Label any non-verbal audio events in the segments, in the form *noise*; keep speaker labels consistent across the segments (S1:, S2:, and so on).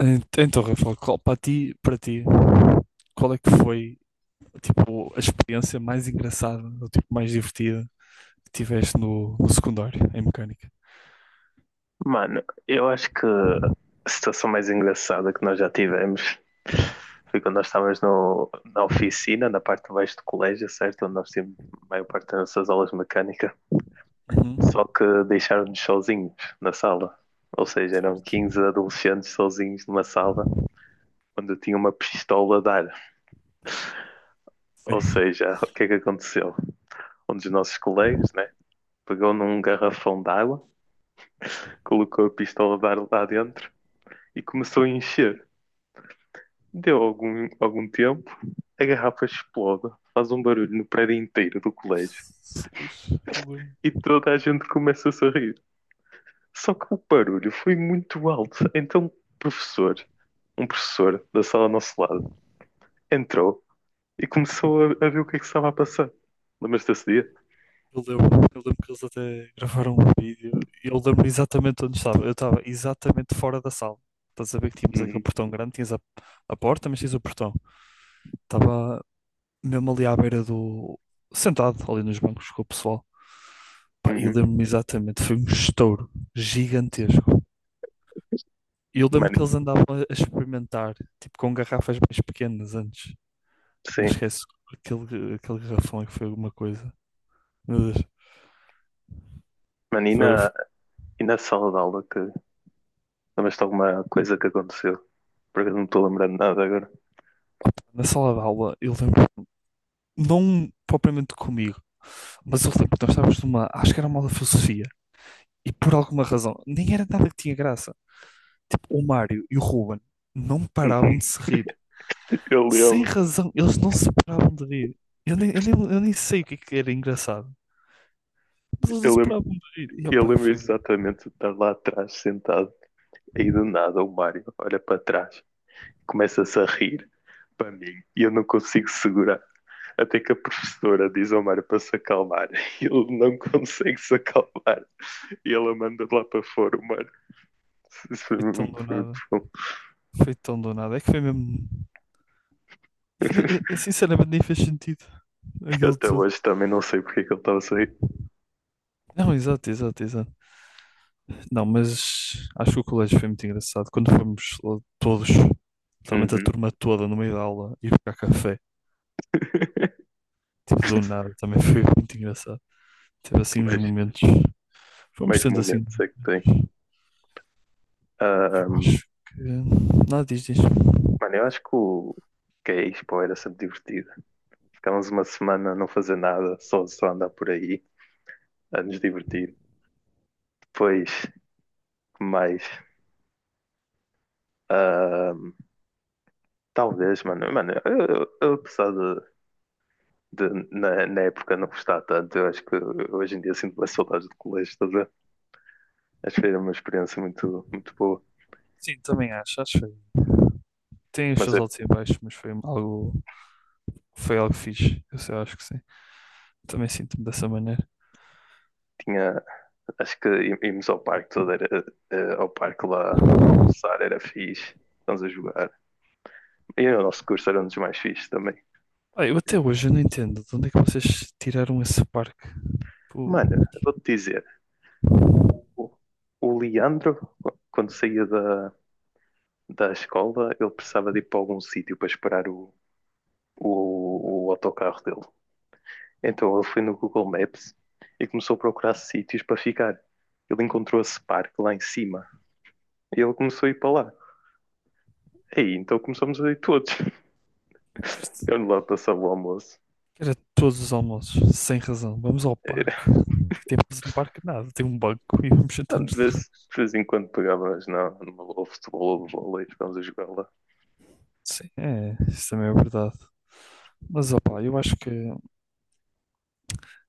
S1: Então, Rafael, qual, para ti, qual é que foi, tipo, a experiência mais engraçada, ou tipo, mais divertida que tiveste no secundário, em mecânica?
S2: Mano, eu acho que a situação mais engraçada que nós já tivemos foi quando nós estávamos no, na oficina, na parte de baixo do colégio, certo? Onde nós tínhamos a maior parte das nossas aulas de mecânica,
S1: Uhum.
S2: só que deixaram-nos sozinhos na sala. Ou seja, eram
S1: Certo.
S2: 15 adolescentes sozinhos numa sala onde eu tinha uma pistola a dar. Ou
S1: Sim.
S2: seja, o que é que aconteceu? Um dos nossos colegas, né, pegou num garrafão de água, colocou a pistola a dar lá dentro e começou a encher. Deu algum tempo, a garrafa explode, faz um barulho no prédio inteiro do colégio
S1: Jesus, eu lembro.
S2: e toda a gente começa a sorrir. Só que o barulho foi muito alto, então o professor, um professor da sala ao nosso lado, entrou e começou a ver o que é que estava a passar. Lembras-te desse dia?
S1: Eu lembro, eu lembro que eles até gravaram um vídeo e eu lembro exatamente onde estava. Eu estava exatamente fora da sala. Estás a ver que tínhamos aquele
S2: Uhum,
S1: portão grande, tinhas a porta, mas tinhas o portão. Estava mesmo ali à beira do, sentado ali nos bancos com o pessoal. Pá, e
S2: uhum.
S1: lembro-me exatamente, foi um estouro gigantesco. E eu lembro que
S2: Mano,
S1: eles andavam a experimentar, tipo com garrafas mais pequenas antes, mas
S2: sim.
S1: esquece aquele, aquele garrafão é que foi alguma coisa. Meu Deus.
S2: Mano,
S1: Foi, foi
S2: e na sala de aula que lembras-te de alguma coisa que aconteceu? Porque eu não estou lembrando de nada agora.
S1: na sala de aula, eu lembro, não propriamente comigo, mas eu lembro que nós estávamos numa, acho que era uma aula de filosofia, e por alguma razão, nem era nada que tinha graça. Tipo, o Mário e o Ruben não paravam
S2: Uhum.
S1: de se rir.
S2: Eu
S1: Sem
S2: lembro,
S1: razão, eles não se paravam de rir. Eu nem sei o que, é que era engraçado, mas eles não
S2: eu
S1: se
S2: lembro
S1: paravam de rir. E,
S2: Eu
S1: opá, e
S2: lembro
S1: foi,
S2: exatamente de estar lá atrás sentado, aí do nada o Mário olha para trás, começa-se a rir para mim e eu não consigo segurar. Até que a professora diz ao Mário para se acalmar *laughs* e ele não consegue se acalmar e ela manda lá para fora o Mário. Isso foi
S1: foi tão do
S2: foi muito
S1: nada.
S2: bom.
S1: Foi tão do nada. É que foi mesmo. É que
S2: *laughs*
S1: sinceramente, nem fez sentido
S2: Eu
S1: aquilo
S2: até
S1: tudo.
S2: hoje também não sei porque é que ele estava a sair.
S1: Não, exato, exato, exato. Não, mas acho que o colégio foi muito engraçado. Quando fomos lá todos, literalmente a
S2: Uhum.
S1: turma toda no meio da aula, ir buscar café,
S2: *laughs*
S1: tipo
S2: Que
S1: do nada, também foi muito engraçado. Teve assim uns
S2: mais,
S1: momentos. Fomos
S2: mais
S1: tendo assim.
S2: momentos é que tem?
S1: Eu
S2: Ahm,
S1: acho que. Nada, diz, diz.
S2: mano, eu acho que o que é Expo era sempre divertido. Ficámos uma semana a não fazer nada, só andar por aí, a nos divertir. Depois, que mais? Ahm, talvez, mano. Mano, eu, apesar de, na época não gostar tanto, eu acho que hoje em dia sinto mais saudades do colégio, estás a ver? Acho que era uma experiência muito boa.
S1: Sim, também acho, acho que foi. Tem os
S2: Mas
S1: seus
S2: eu
S1: altos e baixos, mas foi algo fixe. Eu sei, acho que sim. Também sinto-me dessa maneira.
S2: tinha, acho que íamos ao parque todo, ao parque lá almoçar, era fixe. Estamos a jogar. E o nosso curso era um dos mais fixes também.
S1: Ah, eu até hoje eu não entendo de onde é que vocês tiraram esse parque. Pô,
S2: Mano, eu vou-te dizer, O, o Leandro, quando saía da escola, ele precisava de ir para algum sítio para esperar o autocarro dele. Então ele foi no Google Maps e começou a procurar sítios para ficar. Ele encontrou esse parque lá em cima e ele começou a ir para lá. Aí então começamos a ir todos. *laughs*
S1: isto-
S2: Eu lá passava o almoço.
S1: era todos os almoços, sem razão. Vamos ao parque.
S2: *laughs*
S1: Que temos no parque? Nada, tem um banco e vamos
S2: Eh,
S1: sentar-nos lá.
S2: de vez em quando pegava, mas não, numa bola de futebol ou de vôlei, ficámos a jogar lá
S1: Sim, é, isso também é verdade. Mas opá, eu acho que,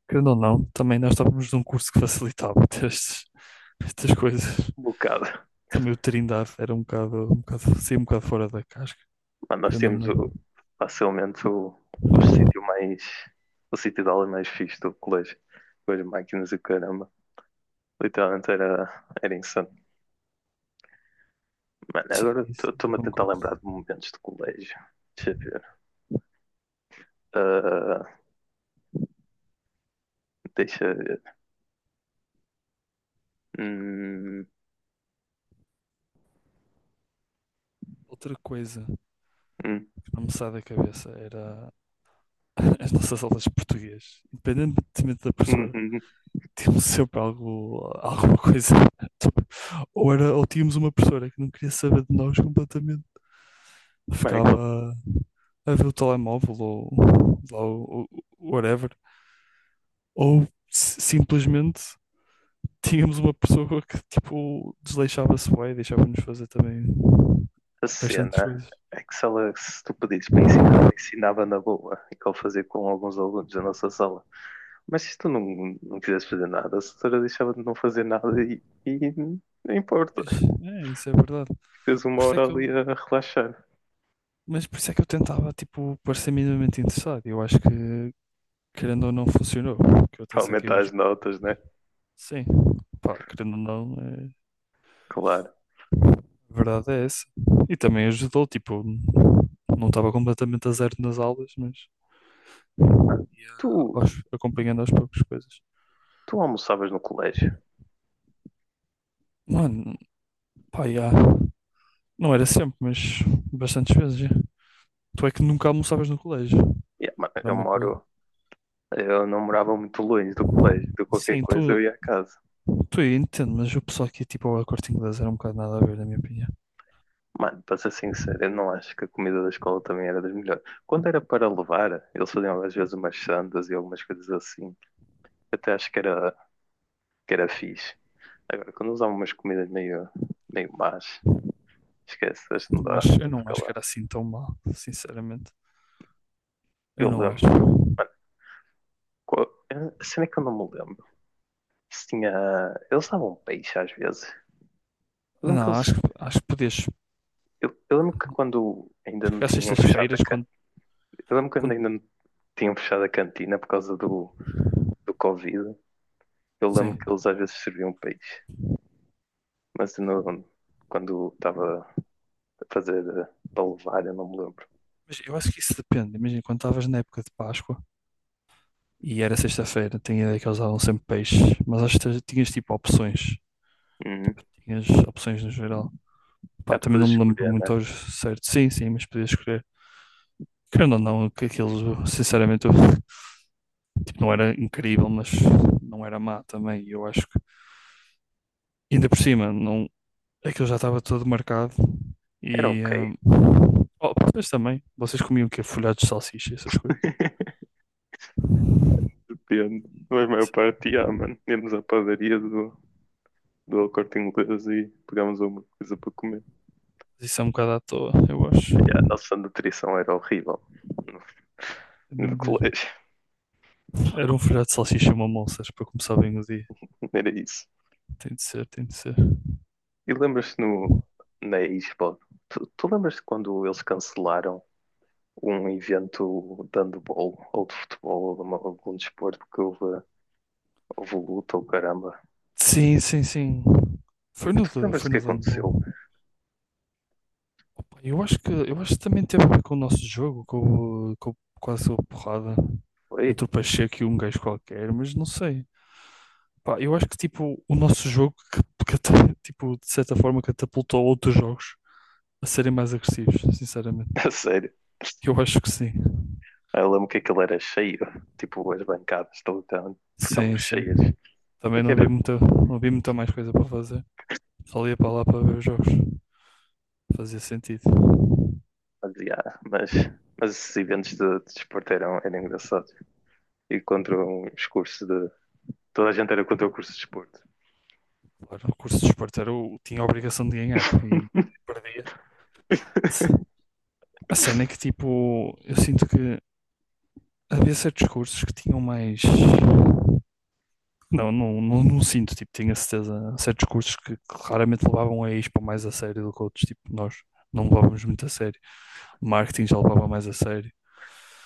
S1: querendo ou não, também nós estávamos num curso que facilitava *laughs* estas, estas coisas.
S2: um bocado.
S1: Também o Trindade era um bocado, saía um bocado fora da casca,
S2: Mano, nós
S1: querendo ou
S2: temos
S1: não.
S2: o- Facilmente o sítio mais. O sítio de aula mais fixe do colégio. Com as máquinas e o caramba. Literalmente era insano. Mano,
S1: Sim,
S2: agora
S1: isso, eu
S2: estou-me a tentar
S1: concordo.
S2: lembrar de momentos de colégio. Deixa eu ver. Ah, deixa eu ver. Hum,
S1: Outra coisa
S2: hum,
S1: não me sai da cabeça, era *laughs* as nossas aulas de português, independentemente da
S2: hum,
S1: professora,
S2: hum. hum.
S1: tínhamos sempre algo, alguma coisa. *laughs* Ou, era, ou tínhamos uma professora que não queria saber de nós completamente,
S2: Mano, aquela
S1: ficava a ver o telemóvel ou whatever, ou simplesmente tínhamos uma pessoa que tipo desleixava-se bem e deixava-nos fazer também
S2: a
S1: bastantes
S2: cena
S1: coisas.
S2: é que se tu pedisses para ensinar, ela ensinava na boa. E que ele fazia com alguns alunos da nossa sala. Mas se tu não quisesse fazer nada, a senhora deixava de não fazer nada e não importa.
S1: Pois, é, isso é verdade.
S2: Ficas uma
S1: Por isso é
S2: hora
S1: que
S2: ali
S1: eu
S2: a relaxar.
S1: Mas por isso é que eu tentava, tipo, parecer minimamente interessado. E eu acho que, querendo ou não, funcionou. Que eu até
S2: Para
S1: saquei,
S2: aumentar
S1: mas
S2: as notas, né?
S1: sim, pá, querendo ou não, é...
S2: Claro.
S1: a verdade é essa. E também ajudou, tipo, não estava completamente a zero nas aulas, mas
S2: Mano,
S1: ia
S2: Tu,
S1: acompanhando aos poucos coisas.
S2: tu almoçavas no colégio?
S1: Mano, pá, já. Não era sempre, mas bastantes vezes, já. Tu é que nunca almoçavas no colégio.
S2: Yeah, mano,
S1: Era
S2: eu
S1: uma coisa.
S2: moro. Eu não morava muito longe do colégio. De qualquer
S1: Sim,
S2: coisa
S1: tu,
S2: eu ia à casa.
S1: tu eu entendo, mas o pessoal aqui, tipo, ao Corte Inglês era um bocado nada a ver, na minha opinião.
S2: Mano, para ser sincero, eu não acho que a comida da escola também era das melhores. Quando era para levar, eles faziam às vezes umas sandas e algumas coisas assim. Até acho que que era fixe. Agora, quando usava umas comidas meio más, esquece, hoje não
S1: Não
S2: dá
S1: acho, eu
S2: não
S1: não
S2: fica
S1: acho que
S2: lá.
S1: era assim tão mal, sinceramente. Eu
S2: Eu
S1: não acho.
S2: lembro, mano, qual, eu- a é que eu não me lembro. Se tinha. Eles davam peixe às vezes. Eu lembro que
S1: Não,
S2: eles.
S1: acho acho que podias.
S2: Eu lembro que quando ainda
S1: Acho
S2: não
S1: que às
S2: tinham fechado a
S1: sextas-feiras, quando,
S2: cantina. Eu lembro que quando
S1: quando.
S2: ainda não tinham fechado a cantina por causa do Covid. Eu lembro que
S1: Sim.
S2: eles às vezes serviam peixe. Mas não, quando estava a fazer para levar, eu não me lembro.
S1: Mas eu acho que isso depende. Imagina, quando estavas na época de Páscoa e era sexta-feira, tinha ideia que eles davam sempre peixe, mas acho que tinhas tipo opções.
S2: Uhum.
S1: Tinhas opções no geral. Pá,
S2: Ah, tu
S1: também
S2: podes
S1: não me lembro
S2: escolher,
S1: muito
S2: né?
S1: ao certo. Sim, sim, mas podias escolher. Querendo ou não, que aquilo, sinceramente, tipo, não era incrível, mas não era má também. E eu acho que, ainda por cima, não, aquilo já estava todo marcado
S2: Era
S1: e.
S2: ok.
S1: Hum, oh, vocês também. Vocês comiam o quê? Folhados de salsicha e essas coisas.
S2: *laughs* Depende. Mas a maior
S1: Isso
S2: parte, ah, mano. Íamos à padaria do Corte Inglês e pegámos alguma coisa para comer.
S1: isso é um bocado à toa, eu acho.
S2: E a nossa nutrição era horrível
S1: Era
S2: no
S1: mesmo.
S2: colégio.
S1: Era um folhado de salsicha e uma moças para começar bem o dia.
S2: Era isso.
S1: Tem de ser, tem de ser.
S2: E lembras-te no, na Expo? Tu lembras-te quando eles cancelaram um evento de handball ou de futebol ou de algum desporto que houve, houve luta ou caramba?
S1: Sim, sim, sim. Foi no,
S2: Tu lembras-te
S1: foi
S2: o que
S1: no Dano Bom.
S2: aconteceu?
S1: Eu acho que também teve a ver com o nosso jogo, com, com, com a porrada
S2: Foi?
S1: entre o Pacheco e um gajo qualquer, mas não sei. Pá, eu acho que tipo, o nosso jogo *laughs* que tipo, de certa forma catapultou outros jogos a serem mais agressivos, sinceramente.
S2: *laughs* A sério.
S1: Eu acho que sim.
S2: Eu lembro que aquilo era cheio, *laughs* tipo, as bancadas de lutão ficavam
S1: Sim, sim.
S2: cheias. É
S1: Também
S2: que
S1: não havia
S2: era
S1: muita, não havia muita mais coisa para fazer. Só ia para lá para ver os jogos. Fazia sentido.
S2: demasiado, mas esses eventos de desporto eram engraçados. E contra os cursos de. Toda a gente era contra o curso de desporto.
S1: Claro, o curso de esporte era o, tinha a obrigação de ganhar e perdia. A cena é que, tipo, eu sinto que havia certos cursos que tinham mais. Não, não, não, não sinto, tipo, tinha certeza. Há certos cursos que claramente levavam a ISPA mais a sério do que outros, tipo, nós não levávamos muito a sério. Marketing já levava mais a sério.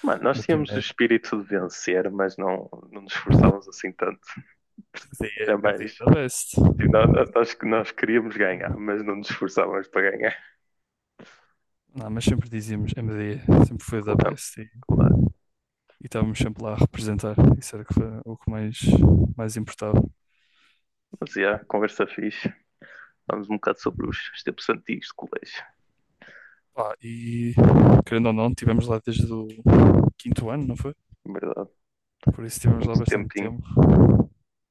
S2: Mano, nós tínhamos o
S1: Multimédia,
S2: espírito de vencer, mas não nos esforçávamos assim tanto.
S1: MDE,
S2: Era
S1: MDE
S2: mais.
S1: da best.
S2: Tipo, nós queríamos ganhar, mas não nos esforçávamos para ganhar.
S1: Não, mas sempre dizíamos M MDE, sempre foi da
S2: Claro,
S1: best
S2: claro.
S1: e estávamos sempre lá a representar. Isso era que foi o que mais, mais importava.
S2: Mas, yeah, conversa fixe. Falamos um bocado sobre os tempos antigos de colégio.
S1: Pá, e querendo ou não, tivemos lá desde o quinto ano, não foi?
S2: Verdade,
S1: Por isso tivemos lá
S2: muito
S1: bastante
S2: tempinho.
S1: tempo.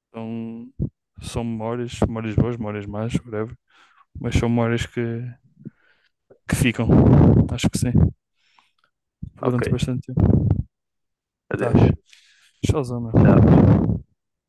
S1: Então, são memórias, memórias boas, memórias más, whatever. Mas são memórias que ficam, acho que sim,
S2: Ok,
S1: durante bastante tempo. Tá,
S2: adeus.
S1: showzão,
S2: Tchau.
S1: meu.